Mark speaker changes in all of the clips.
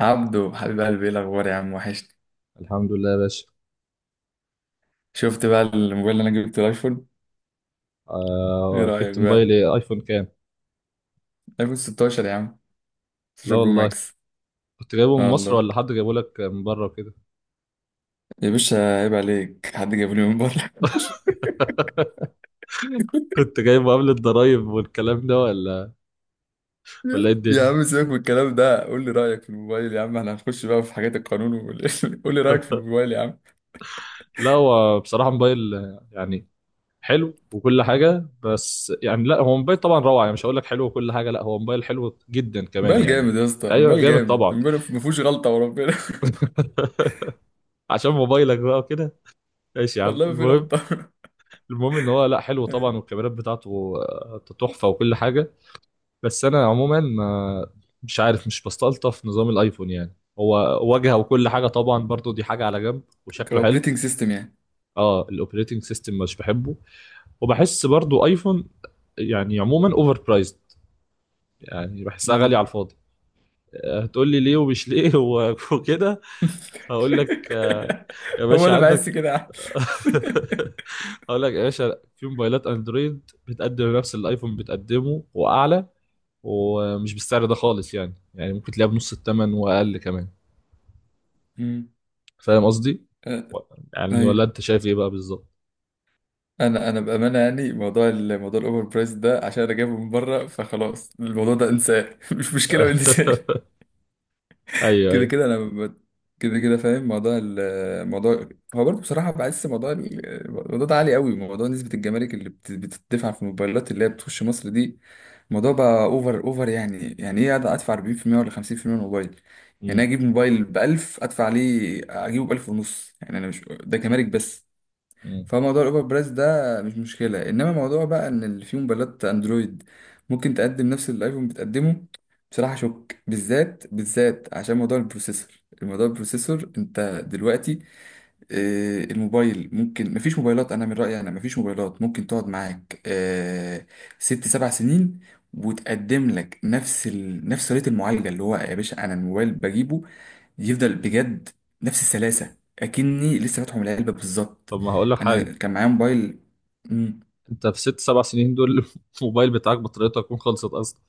Speaker 1: عبدو، حبيب قلبي، ايه الاخبار يا عم؟ وحشني.
Speaker 2: الحمد لله يا باشا.
Speaker 1: شفت بقى الموبايل اللي انا جبته، الايفون؟ ايه
Speaker 2: آه،
Speaker 1: رايك
Speaker 2: جبت
Speaker 1: بقى؟
Speaker 2: موبايل ايه؟ ايفون كام؟
Speaker 1: ايفون 16 يا عم.
Speaker 2: لا
Speaker 1: 16 برو
Speaker 2: والله،
Speaker 1: ماكس.
Speaker 2: كنت جايبه
Speaker 1: اه
Speaker 2: من مصر
Speaker 1: والله.
Speaker 2: ولا حد جايبه لك من بره وكده؟
Speaker 1: يا باشا عيب عليك، حد جاب لي من بره؟
Speaker 2: كنت جايبه قبل الضرايب والكلام ده ولا ايه
Speaker 1: يا
Speaker 2: الدنيا؟
Speaker 1: عم سيبك من الكلام ده، قول لي رايك في الموبايل يا عم. احنا هنخش بقى في حاجات القانون قول لي رايك في الموبايل يا عم.
Speaker 2: لا هو بصراحه موبايل يعني حلو وكل حاجه، بس يعني لا هو موبايل طبعا روعه، يعني مش هقول لك حلو وكل حاجه، لا هو موبايل حلو جدا كمان
Speaker 1: موبايل جامد
Speaker 2: يعني.
Speaker 1: يا اسطى،
Speaker 2: ايوه
Speaker 1: الموبايل
Speaker 2: جامد
Speaker 1: جامد،
Speaker 2: طبعا.
Speaker 1: الموبايل ما فيهوش غلطه وربنا.
Speaker 2: عشان موبايلك بقى وكده. ماشي يا عم،
Speaker 1: والله ما في
Speaker 2: المهم.
Speaker 1: غلطه.
Speaker 2: المهم ان هو، لا، حلو طبعا،
Speaker 1: أيوة.
Speaker 2: والكاميرات بتاعته تحفه وكل حاجه. بس انا عموما ما مش عارف، مش بستلطف نظام الايفون، يعني هو واجهه وكل حاجه طبعا، برضو دي حاجه على جنب، وشكله حلو.
Speaker 1: كاوبريتنج سيستم يعني.
Speaker 2: اه، الاوبريتنج سيستم مش بحبه، وبحس برضو ايفون يعني عموما اوفر برايزد، يعني بحسها غاليه
Speaker 1: مم.
Speaker 2: على الفاضي. هتقول لي ليه ومش ليه وكده. هقول لك يا
Speaker 1: هو
Speaker 2: باشا،
Speaker 1: انا بحس
Speaker 2: عندك.
Speaker 1: كده.
Speaker 2: هقول لك يا باشا، في موبايلات اندرويد بتقدم نفس اللي الايفون بتقدمه واعلى، ومش بالسعر ده خالص، يعني يعني ممكن تلاقيها بنص الثمن واقل كمان.
Speaker 1: مم.
Speaker 2: فاهم قصدي؟
Speaker 1: آه،
Speaker 2: و- يعني ولا
Speaker 1: ايوه.
Speaker 2: انت شايف ايه بقى بالظبط؟
Speaker 1: انا بامانه يعني، موضوع الاوفر برايس ده، عشان انا جايبه من بره، فخلاص الموضوع ده انساه مش مشكله، وانساه.
Speaker 2: ايوه
Speaker 1: كده
Speaker 2: ايوه.
Speaker 1: كده كده كده فاهم الموضوع. هو برضه بصراحه بحس الموضوع ده عالي قوي، موضوع نسبه الجمارك اللي بتدفع في الموبايلات اللي هي بتخش مصر دي. الموضوع بقى اوفر اوفر، يعني ايه أقعد ادفع 40% ولا 50% من الموبايل؟ يعني أنا
Speaker 2: مم.
Speaker 1: اجيب موبايل ب 1000، ادفع عليه اجيبه ب 1000 ونص؟ يعني انا مش ده جمارك بس.
Speaker 2: مم.
Speaker 1: فموضوع الاوبر برايس ده مش مشكله، انما موضوع بقى ان اللي فيه موبايلات اندرويد ممكن تقدم نفس اللي الايفون بتقدمه. بصراحه شك، بالذات بالذات عشان موضوع البروسيسور. الموضوع البروسيسور انت دلوقتي، الموبايل ممكن مفيش موبايلات، انا من رايي انا مفيش موبايلات ممكن تقعد معاك 6 7 سنين وتقدم لك نفس ريت المعالجه. اللي هو يا باشا انا الموبايل بجيبه يفضل بجد نفس السلاسة، أكني لسه فاتحه من العلبة بالظبط.
Speaker 2: طب ما هقول لك
Speaker 1: أنا
Speaker 2: حاجه،
Speaker 1: كان معايا موبايل. مم.
Speaker 2: انت في 6 7 سنين دول الموبايل بتاعك بطاريته هتكون خلصت اصلا.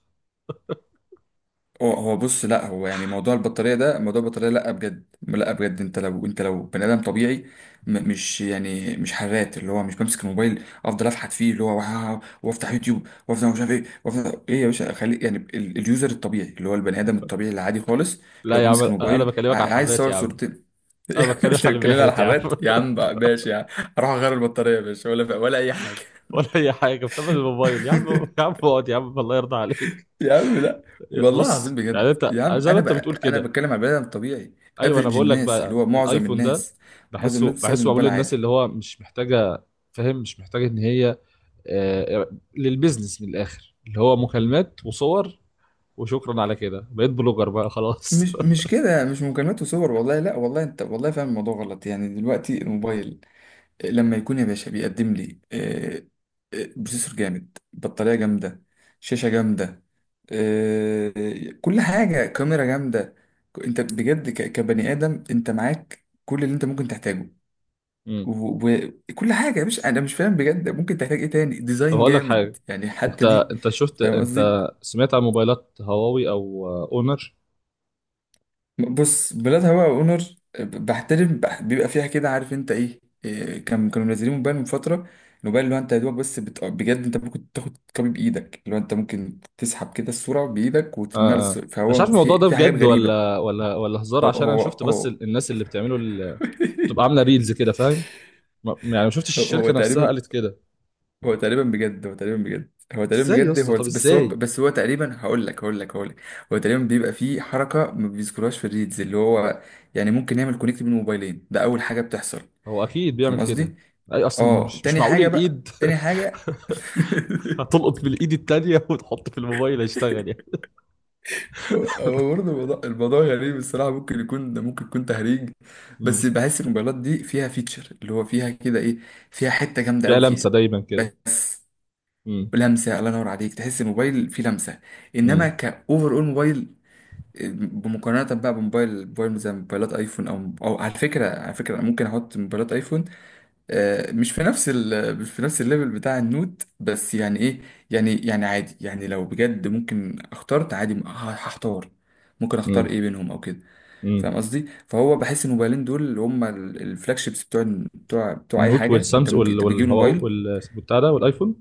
Speaker 1: هو بص، لا هو يعني موضوع البطارية ده، موضوع البطارية، لا بجد لا بجد. أنت لو بني آدم طبيعي، مش يعني مش حرات، اللي هو مش بمسك الموبايل أفضل أفحت فيه، اللي هو وأفتح يوتيوب وأفتح مش عارف إيه وأفتح إيه. يا باشا خلي يعني اليوزر الطبيعي اللي هو البني آدم الطبيعي العادي خالص، اللي هو
Speaker 2: لا يا عم،
Speaker 1: بيمسك
Speaker 2: انا
Speaker 1: الموبايل
Speaker 2: بكلمك على
Speaker 1: عايز
Speaker 2: الحرات
Speaker 1: صور
Speaker 2: يا عم.
Speaker 1: صورتين.
Speaker 2: انا
Speaker 1: انت
Speaker 2: بتكلم على اللي
Speaker 1: بتتكلمني على
Speaker 2: بيحرت يا عم.
Speaker 1: حرات يا عم بقى؟ ماشي يعني. هروح اغير البطاريه يا باشا ولا اي حاجه.
Speaker 2: ولا اي حاجه بتعمل الموبايل يا عم. يا عم اقعد يا عم، الله يرضى عليك.
Speaker 1: يا عم لا، والله العظيم
Speaker 2: بص، يعني
Speaker 1: بجد
Speaker 2: انت
Speaker 1: يا عم.
Speaker 2: زي ما
Speaker 1: انا
Speaker 2: انت
Speaker 1: بقى
Speaker 2: بتقول
Speaker 1: انا
Speaker 2: كده.
Speaker 1: بتكلم على بني ادم طبيعي،
Speaker 2: ايوه، انا
Speaker 1: افريج
Speaker 2: بقول لك
Speaker 1: الناس اللي
Speaker 2: بقى
Speaker 1: هو معظم
Speaker 2: الايفون ده
Speaker 1: الناس، معظم
Speaker 2: بحسه،
Speaker 1: الناس بتستخدم
Speaker 2: بحسه معمول
Speaker 1: الموبايل
Speaker 2: للناس
Speaker 1: عادي.
Speaker 2: اللي هو مش محتاجه. فاهم؟ مش محتاجه ان هي آه، للبيزنس من الاخر، اللي هو مكالمات وصور، وشكرا على كده، بقيت بلوجر بقى خلاص.
Speaker 1: مش كده، مش مكالمات وصور، والله لا والله انت والله فاهم الموضوع غلط. يعني دلوقتي الموبايل لما يكون يا باشا بيقدم لي بروسيسور جامد، بطارية جامدة، شاشة جامدة، آه، كل حاجة، كاميرا جامدة. انت بجد كبني آدم انت معاك كل اللي انت ممكن تحتاجه
Speaker 2: امم.
Speaker 1: وكل حاجة. مش انا مش فاهم بجد، ممكن تحتاج ايه تاني؟
Speaker 2: طب
Speaker 1: ديزاين
Speaker 2: هقول لك حاجه.
Speaker 1: جامد يعني
Speaker 2: انت،
Speaker 1: حتى دي.
Speaker 2: انت شفت،
Speaker 1: فاهم
Speaker 2: انت
Speaker 1: قصدي؟
Speaker 2: سمعت عن موبايلات هواوي او اونر؟
Speaker 1: بص بلاد هواء اونر، بحترم بيبقى فيها كده، عارف انت ايه كانوا منزلين موبايل من فتره، الموبايل اللي هو انت يا دوبك بس بجد انت ممكن تاخد كوبي بايدك، اللي هو انت ممكن تسحب كده الصوره بايدك وترميها
Speaker 2: اه اه. مش عارف
Speaker 1: فهو
Speaker 2: الموضوع
Speaker 1: في
Speaker 2: ده
Speaker 1: في حاجات
Speaker 2: بجد
Speaker 1: غريبه.
Speaker 2: ولا ولا هزار،
Speaker 1: هو
Speaker 2: عشان انا
Speaker 1: هو
Speaker 2: شفت بس
Speaker 1: هو
Speaker 2: الناس اللي بتعمله بتبقى عامله ريلز كده، فاهم؟ يعني ما شفتش
Speaker 1: هو
Speaker 2: الشركه نفسها
Speaker 1: تقريبا.
Speaker 2: قالت كده.
Speaker 1: هو تقريبا
Speaker 2: ازاي يا
Speaker 1: بجد
Speaker 2: اسطى؟
Speaker 1: هو
Speaker 2: طب
Speaker 1: بس هو
Speaker 2: ازاي؟
Speaker 1: بس هو تقريبا، هقول لك، هو تقريبا بيبقى فيه حركه ما بيذكرهاش في الريدز، اللي هو يعني ممكن نعمل كونكت بين موبايلين. ده اول حاجه بتحصل،
Speaker 2: هو اكيد
Speaker 1: فاهم
Speaker 2: بيعمل كده.
Speaker 1: قصدي؟
Speaker 2: اي اصل
Speaker 1: اه،
Speaker 2: مش
Speaker 1: تاني
Speaker 2: معقول
Speaker 1: حاجة بقى،
Speaker 2: الايد
Speaker 1: تاني حاجة.
Speaker 2: هتلقط بالايد التانية وتحط في الموبايل هيشتغل يعني.
Speaker 1: هو برضه الموضوع غريب الصراحة، ممكن يكون ده ممكن يكون تهريج.
Speaker 2: مم.
Speaker 1: بس بحس الموبايلات دي فيها فيتشر، اللي هو فيها كده ايه، فيها حتة جامدة
Speaker 2: فيها
Speaker 1: قوي فيها،
Speaker 2: لمسة دايما كده.
Speaker 1: بس
Speaker 2: مم.
Speaker 1: لمسة، الله ينور عليك، تحس الموبايل فيه لمسة. انما
Speaker 2: مم.
Speaker 1: كأوفر اول موبايل، بمقارنة بقى بموبايل موبايل زي موبايلات ايفون او، على فكرة ممكن احط موبايلات ايفون، مش في نفس الليفل بتاع النود، بس يعني ايه، يعني عادي، يعني لو بجد ممكن اخترت عادي هختار، ممكن اختار
Speaker 2: مم.
Speaker 1: ايه بينهم او كده.
Speaker 2: مم.
Speaker 1: فاهم قصدي؟ فهو بحس ان الموبايلين دول اللي هم الفلاج شيبس بتوع بتوع اي
Speaker 2: النوت
Speaker 1: حاجه، انت
Speaker 2: والسامس
Speaker 1: ممكن
Speaker 2: وال
Speaker 1: انت بتجيب
Speaker 2: وال
Speaker 1: موبايل،
Speaker 2: وال بتاع ده والايفون.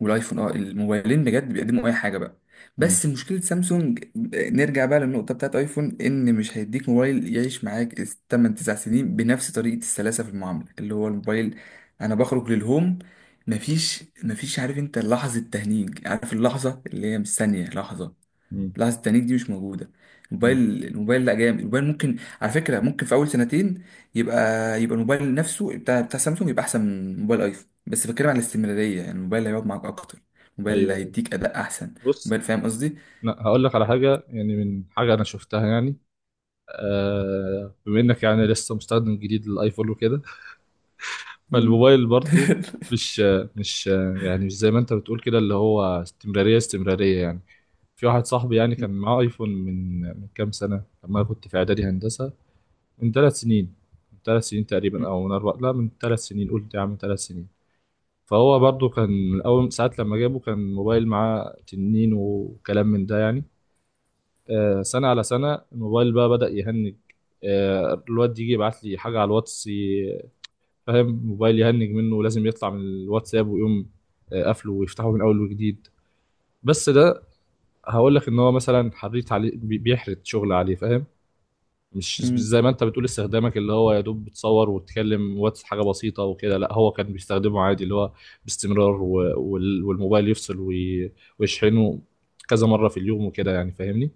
Speaker 1: والايفون، اه الموبايلين بجد بيقدموا اي حاجه بقى.
Speaker 2: مم.
Speaker 1: بس مشكله سامسونج، نرجع بقى للنقطه بتاعت ايفون ان مش هيديك موبايل يعيش معاك 8 9 سنين بنفس طريقه السلاسه في المعامله. اللي هو الموبايل انا بخرج للهوم، مفيش عارف انت لحظه تهنيج، عارف اللحظه اللي هي مش ثانيه لحظه،
Speaker 2: مم.
Speaker 1: لحظة التنيك دي مش موجودة.
Speaker 2: مم.
Speaker 1: الموبايل لا جامد، الموبايل ممكن على فكرة ممكن في أول سنتين يبقى يبقى الموبايل نفسه بتاع سامسونج يبقى أحسن من موبايل أيفون، بس بتكلم على الاستمرارية، يعني الموبايل اللي هيقعد معاك أكتر، الموبايل اللي
Speaker 2: ايوه ايوه.
Speaker 1: هيديك أداء أحسن،
Speaker 2: بص،
Speaker 1: موبايل، فاهم قصدي؟
Speaker 2: لا هقول لك على حاجة، يعني من حاجة انا شفتها يعني. آه، بما انك يعني لسه مستخدم جديد للايفون وكده،
Speaker 1: مم.
Speaker 2: فالموبايل برضه مش مش يعني مش زي ما انت بتقول كده، اللي هو استمرارية استمرارية يعني. في واحد صاحبي يعني كان معاه ايفون من كام سنة، لما أنا كنت في اعدادي هندسة. من 3 سنين، من 3 سنين تقريبا او من اربع، لا من 3 سنين، قلت يا عم 3 سنين. فهو برضه كان من اول ساعة لما جابه كان موبايل معاه تنين وكلام من ده يعني. سنة على سنة الموبايل بقى بدأ يهنج. الواد يجي يبعت لي حاجة على الواتس، فاهم، موبايل يهنج منه ولازم يطلع من الواتساب ويقوم قافله ويفتحه من اول وجديد. بس ده، هقول لك ان هو مثلا حريت عليه، بيحرت شغل عليه، فاهم؟ مش
Speaker 1: مم.
Speaker 2: زي ما انت بتقول استخدامك اللي هو يا دوب بتصور وتتكلم واتس، حاجه بسيطه وكده. لا، هو كان بيستخدمه عادي، اللي هو باستمرار، والموبايل يفصل، ويشحنه كذا مره في اليوم وكده يعني، فاهمني؟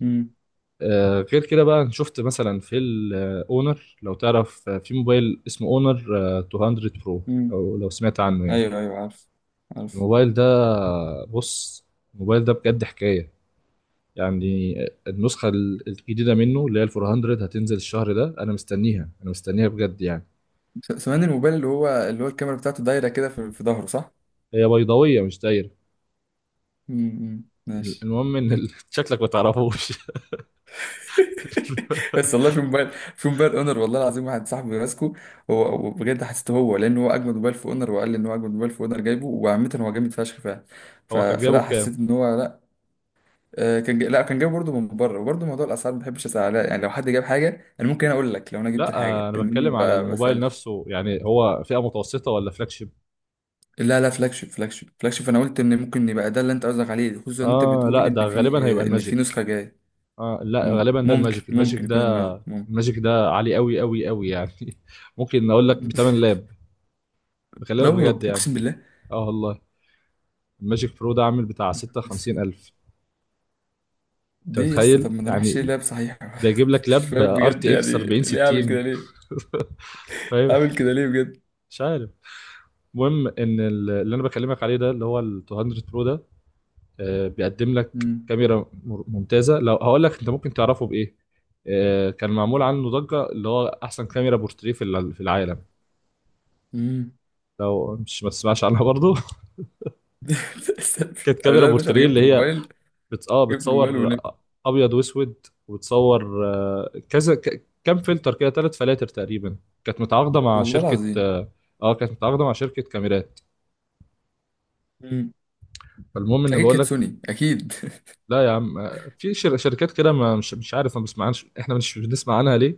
Speaker 1: مم.
Speaker 2: آه، غير كده بقى، أنا شفت مثلا في الاونر، لو تعرف في موبايل اسمه اونر 200 برو،
Speaker 1: مم.
Speaker 2: لو سمعت عنه يعني.
Speaker 1: ايوه، ايوه عارف، عارف.
Speaker 2: الموبايل ده، بص، الموبايل ده بجد حكاية يعني. النسخة الجديدة منه اللي هي ال 400 هتنزل الشهر ده، أنا مستنيها، أنا مستنيها بجد يعني.
Speaker 1: سمعني، الموبايل اللي هو الكاميرا بتاعته دايرة كده في ظهره صح؟
Speaker 2: هي بيضاوية مش دايرة.
Speaker 1: مم. مم. ماشي.
Speaker 2: المهم إن شكلك ما تعرفوش.
Speaker 1: بس والله في موبايل اونر، والله العظيم واحد صاحبي ماسكه هو، وبجد حسيته هو، لان هو اجمد موبايل في اونر، وقال لي ان هو اجمد موبايل في اونر جايبه، وعامه هو جامد فشخ فعلا.
Speaker 2: هو كان جايبه
Speaker 1: فلا
Speaker 2: بكام؟
Speaker 1: حسيت ان هو لا. لا كان جايبه برضه من بره، وبرضه موضوع الاسعار ما بحبش اسال عليها، يعني لو حد جاب حاجه انا ممكن اقول لك، لو انا جبت
Speaker 2: لا
Speaker 1: الحاجه
Speaker 2: أنا
Speaker 1: انما
Speaker 2: بتكلم على
Speaker 1: ما
Speaker 2: الموبايل
Speaker 1: بسالش.
Speaker 2: نفسه، يعني هو فئة متوسطة ولا فلاج شيب؟
Speaker 1: لا لا، فلاج شيب فلاج شيب فلاج شيب، انا قلت ان ممكن يبقى ده اللي انت قصدك عليه، خصوصا ان انت
Speaker 2: آه
Speaker 1: بتقول
Speaker 2: لا، ده
Speaker 1: ان
Speaker 2: غالبا هيبقى
Speaker 1: في
Speaker 2: الماجيك.
Speaker 1: نسخه جايه.
Speaker 2: آه لا
Speaker 1: مم.
Speaker 2: غالبا ده
Speaker 1: ممكن
Speaker 2: الماجيك، الماجيك
Speaker 1: ممكن يكون
Speaker 2: ده،
Speaker 1: الماجيك ممكن.
Speaker 2: الماجيك ده عالي أوي أوي أوي يعني. ممكن أقول لك بتمن لاب،
Speaker 1: لا
Speaker 2: بكلمك
Speaker 1: ورب،
Speaker 2: بجد يعني.
Speaker 1: اقسم بالله.
Speaker 2: اه والله، الماجيك برو ده عامل بتاع 56 ألف. انت
Speaker 1: دي يا اسطى؟ طب
Speaker 2: متخيل
Speaker 1: ما نروحش
Speaker 2: يعني؟
Speaker 1: لعب صحيح.
Speaker 2: ده يجيب لك
Speaker 1: مش
Speaker 2: لاب
Speaker 1: فاهم
Speaker 2: ار
Speaker 1: بجد،
Speaker 2: تي اكس
Speaker 1: يعني
Speaker 2: 40
Speaker 1: ليه اعمل كده
Speaker 2: 60.
Speaker 1: ليه؟
Speaker 2: فاهم؟
Speaker 1: اعمل كده ليه بجد؟
Speaker 2: مش عارف. المهم ان اللي انا بكلمك عليه ده، اللي هو ال 200 برو ده، بيقدم لك
Speaker 1: امم.
Speaker 2: كاميرا ممتازه. لو هقول لك انت ممكن تعرفه بايه، كان معمول عنه ضجه، اللي هو احسن كاميرا بورتريه في في العالم.
Speaker 1: امم.
Speaker 2: لو مش ما تسمعش عنها برضه. كانت
Speaker 1: انا
Speaker 2: كاميرا
Speaker 1: لا يا باشا، انا
Speaker 2: بورتريه
Speaker 1: جبت
Speaker 2: اللي هي
Speaker 1: الموبايل،
Speaker 2: اه
Speaker 1: جبت الموبايل
Speaker 2: بتصور
Speaker 1: ونمت،
Speaker 2: ابيض واسود، وبتصور كذا كام فلتر كده، 3 فلاتر تقريبا. كانت متعاقده مع
Speaker 1: والله
Speaker 2: شركه،
Speaker 1: العظيم.
Speaker 2: اه كانت متعاقده مع شركه كاميرات.
Speaker 1: امم.
Speaker 2: فالمهم ان،
Speaker 1: اكيد
Speaker 2: بقول
Speaker 1: كانت
Speaker 2: لك،
Speaker 1: سوني اكيد.
Speaker 2: لا يا عم في شركات كده، ما مش مش عارف، ما بسمعناش احنا، مش بنسمع عنها ليه.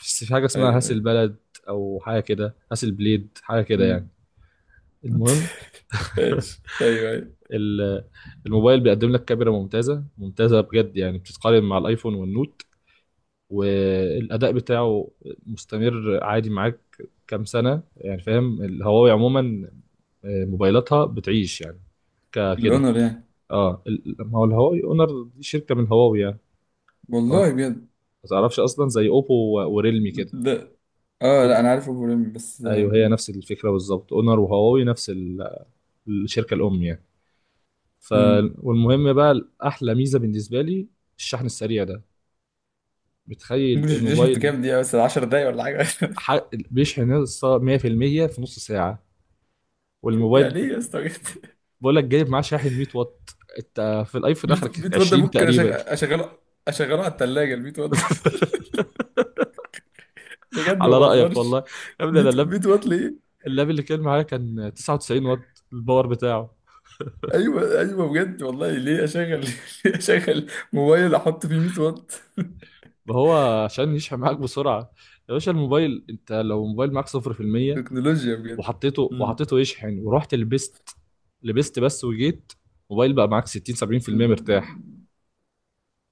Speaker 2: بس في حاجه اسمها
Speaker 1: ايوه،
Speaker 2: هاسل
Speaker 1: ايوه.
Speaker 2: بلد او حاجه كده، هاسل بليد، حاجه كده يعني.
Speaker 1: امم.
Speaker 2: المهم.
Speaker 1: ماشي، ايوه ايوه.
Speaker 2: ال- الموبايل بيقدم لك كاميرا ممتازه ممتازه بجد يعني، بتتقارن مع الايفون والنوت. والاداء بتاعه مستمر عادي معاك كام سنه يعني، فاهم؟ الهواوي عموما موبايلاتها بتعيش يعني كده.
Speaker 1: الاونر يعني؟
Speaker 2: اه ما هو الهواوي اونر دي شركه من هواوي يعني. لو انت
Speaker 1: والله بجد.
Speaker 2: ما تعرفش، اصلا زي اوبو وريلمي كده.
Speaker 1: لا. اه لا،
Speaker 2: أوب...
Speaker 1: انا عارف ابو ريم بس.
Speaker 2: ايوه، هي نفس الفكره بالظبط، اونر وهواوي نفس الشركه الام يعني. ف،
Speaker 1: امم.
Speaker 2: والمهم بقى، احلى ميزه بالنسبه لي الشحن السريع ده. بتخيل
Speaker 1: ممكن يشحن في
Speaker 2: الموبايل
Speaker 1: كام دقيقة بس؟ 10 دقايق ولا حاجة؟
Speaker 2: ح... بيشحن 100% في المية في نص ساعه.
Speaker 1: يعني ايه
Speaker 2: والموبايل،
Speaker 1: يا اسطى بجد؟
Speaker 2: بقول لك جايب معاه شاحن 100 واط، انت في الايفون
Speaker 1: 100،
Speaker 2: اخرك
Speaker 1: 100 وات ده
Speaker 2: 20
Speaker 1: ممكن
Speaker 2: تقريبا.
Speaker 1: اشغله، على الثلاجه، ال 100 وات ده. بجد ما
Speaker 2: على رايك
Speaker 1: بهزرش.
Speaker 2: والله. يا ابني
Speaker 1: 100،
Speaker 2: انا اللاب،
Speaker 1: 100 وات ليه؟
Speaker 2: اللاب اللي كان معايا كان 99 واط الباور بتاعه.
Speaker 1: ايوه ايوه بجد، والله ليه اشغل ليه اشغل موبايل احط فيه 100 وات؟
Speaker 2: ما هو عشان يشحن معاك بسرعه، يا باشا الموبايل، انت لو موبايل معاك 0%
Speaker 1: تكنولوجيا بجد.
Speaker 2: وحطيته،
Speaker 1: مم.
Speaker 2: يشحن ورحت لبست، لبست بس وجيت، موبايل بقى معاك 60 70% مرتاح.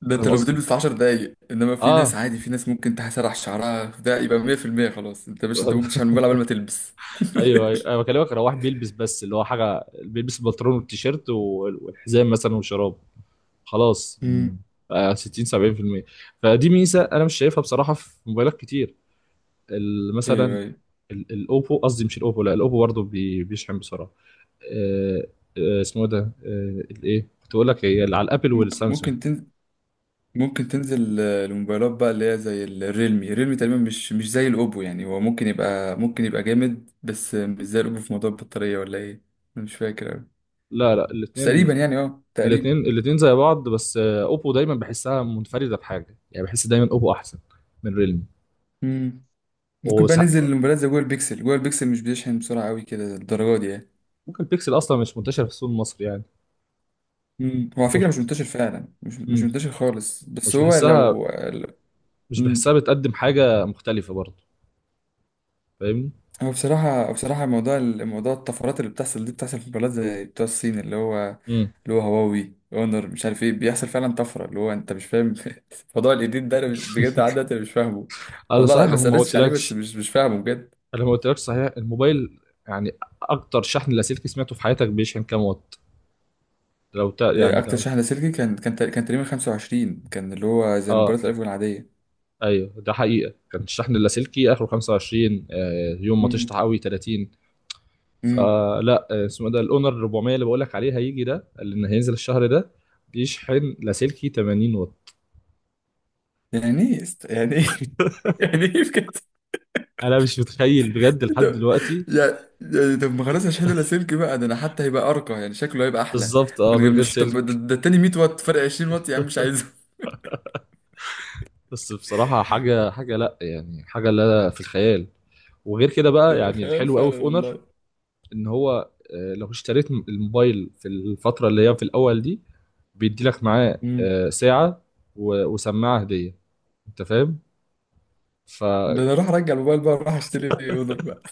Speaker 1: ده انت
Speaker 2: فاهم
Speaker 1: لو
Speaker 2: قصدي؟
Speaker 1: بتلبس في 10 دقايق، انما في ناس
Speaker 2: اه.
Speaker 1: عادي، في ناس ممكن تسرح شعرها، ده يبقى 100% خلاص. انت مش انت ممكن تشحن الموبايل قبل ما تلبس.
Speaker 2: ايوه ايوه، انا بكلمك لو واحد بيلبس بس، اللي هو حاجه بيلبس البنطلون والتيشيرت والحزام مثلا وشراب، خلاص م،
Speaker 1: مم.
Speaker 2: 60 70%. فدي ميزه انا مش شايفها بصراحه في موبايلات كتير.
Speaker 1: ايوه
Speaker 2: مثلا
Speaker 1: ايوه.
Speaker 2: الاوبو، قصدي مش الاوبو، لا الاوبو برضه بيشحن بسرعه. آه، اسمه إيه ده؟ الايه كنت اقول لك، هي اللي على الابل
Speaker 1: ممكن
Speaker 2: والسامسونج.
Speaker 1: ممكن ممكن تنزل، الموبايلات بقى اللي هي زي الريلمي، تقريبا مش زي الاوبو، يعني هو ممكن يبقى جامد، بس مش زي الاوبو في موضوع البطارية ولا ايه. انا مش فاكر أوي.
Speaker 2: لا لا،
Speaker 1: بس
Speaker 2: الاثنين،
Speaker 1: تقريبا، يعني اه
Speaker 2: الاثنين
Speaker 1: تقريبا.
Speaker 2: الاثنين زي بعض، بس اوبو دايما بحسها منفرده بحاجه، يعني بحس دايما اوبو احسن من ريلمي.
Speaker 1: مم. ممكن بقى
Speaker 2: وسا-
Speaker 1: ننزل الموبايلات زي جوجل بيكسل، مش بيشحن بسرعة قوي كده الدرجة دي يعني.
Speaker 2: ممكن البيكسل اصلا مش منتشر في السوق المصري يعني.
Speaker 1: مم. هو على
Speaker 2: مش،
Speaker 1: فكرة مش منتشر فعلا، مش
Speaker 2: مم.
Speaker 1: منتشر خالص، بس
Speaker 2: مش
Speaker 1: هو
Speaker 2: بحسها،
Speaker 1: لو.
Speaker 2: مش
Speaker 1: مم.
Speaker 2: بحسها بتقدم حاجه مختلفه برضه، فاهمني؟
Speaker 1: هو بصراحة موضوع الموضوع الطفرات اللي بتحصل دي، بتحصل في بلاد زي بتوع الصين، اللي هو
Speaker 2: امم.
Speaker 1: اللي هو هواوي اونر مش عارف ايه، بيحصل فعلا طفرة، اللي هو انت مش فاهم. موضوع الايديت ده انا بجد لحد دلوقتي أنا مش فاهمه.
Speaker 2: انا
Speaker 1: والله لا،
Speaker 2: صحيح
Speaker 1: بس
Speaker 2: ما
Speaker 1: سرشتش عليه، بس
Speaker 2: قلتلكش،
Speaker 1: مش فاهمه بجد.
Speaker 2: انا ما قلتلكش صحيح الموبايل يعني اكتر شحن لاسلكي سمعته في حياتك بيشحن كام وات؟ لو تا يعني
Speaker 1: اكتر
Speaker 2: لو،
Speaker 1: شحنة سلكي كان كان تقريبا 25، كان اللي هو زي
Speaker 2: اه
Speaker 1: الموبايلات الايفون العادية.
Speaker 2: ايوه، ده حقيقه كان الشحن اللاسلكي اخره 25، آه يوم ما تشطح
Speaker 1: امم،
Speaker 2: قوي 30.
Speaker 1: امم.
Speaker 2: فلا اسمه إيه ده، الاونر 400، اللي بقول لك عليه هيجي، ده اللي إن هينزل الشهر ده، بيشحن لاسلكي 80 وات.
Speaker 1: يعني ايه يعني ايه؟ يعني ايه بجد؟
Speaker 2: انا مش متخيل بجد لحد
Speaker 1: طب،
Speaker 2: دلوقتي.
Speaker 1: يعني، يعني طب ما خلاص هشحنه لاسلكي بقى، ده انا حتى هيبقى ارقى يعني شكله هيبقى احلى،
Speaker 2: بالظبط، اه،
Speaker 1: من
Speaker 2: من
Speaker 1: غير،
Speaker 2: غير
Speaker 1: مش طب، ده,
Speaker 2: سلك.
Speaker 1: ده التاني 100 واط، فرق 20 واط يا عم مش عايزه.
Speaker 2: بس بصراحة حاجة، حاجة لا يعني، حاجة لا في الخيال. وغير كده بقى،
Speaker 1: تبقى
Speaker 2: يعني
Speaker 1: خيال
Speaker 2: الحلو قوي في
Speaker 1: فعلا
Speaker 2: اونر
Speaker 1: والله.
Speaker 2: ان هو لو اشتريت الموبايل في الفترة اللي هي في الاول دي، بيدي لك معاه
Speaker 1: امم.
Speaker 2: ساعة وسماعة هدية، انت فاهم؟ ف،
Speaker 1: ده انا راح ارجع الموبايل بقى، راح اشتري اودر بقى.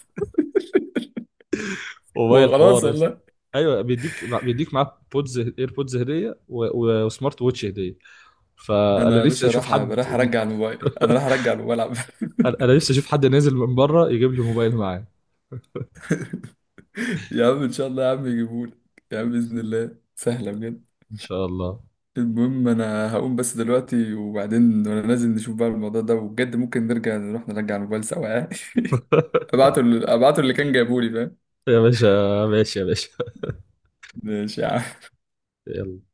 Speaker 2: موبايل
Speaker 1: وخلاص
Speaker 2: حوار يا اسطى.
Speaker 1: والله.
Speaker 2: ايوه، بيديك، بيديك معاه بودز، ايربودز هدية، وسمارت ووتش هدية. فانا
Speaker 1: انا يا
Speaker 2: نفسي
Speaker 1: باشا
Speaker 2: اشوف
Speaker 1: راح
Speaker 2: حد
Speaker 1: راح ارجع الموبايل، انا راح ارجع الموبايل عم.
Speaker 2: انا، أنا نفسي اشوف حد نازل من بره يجيب لي موبايل معاه.
Speaker 1: يا عم ان شاء الله، يا عم يجيبهولك، يا عم باذن الله سهله بجد.
Speaker 2: ان شاء الله.
Speaker 1: المهم انا هقوم بس دلوقتي، وبعدين وانا نازل نشوف بقى الموضوع ده، وبجد ممكن نرجع نروح نرجع الموبايل سوا يعني. ابعته اللي كان جايبه لي، فاهم؟
Speaker 2: يا باشا، ماشي يا باشا.
Speaker 1: ماشي يا عم.
Speaker 2: يلا.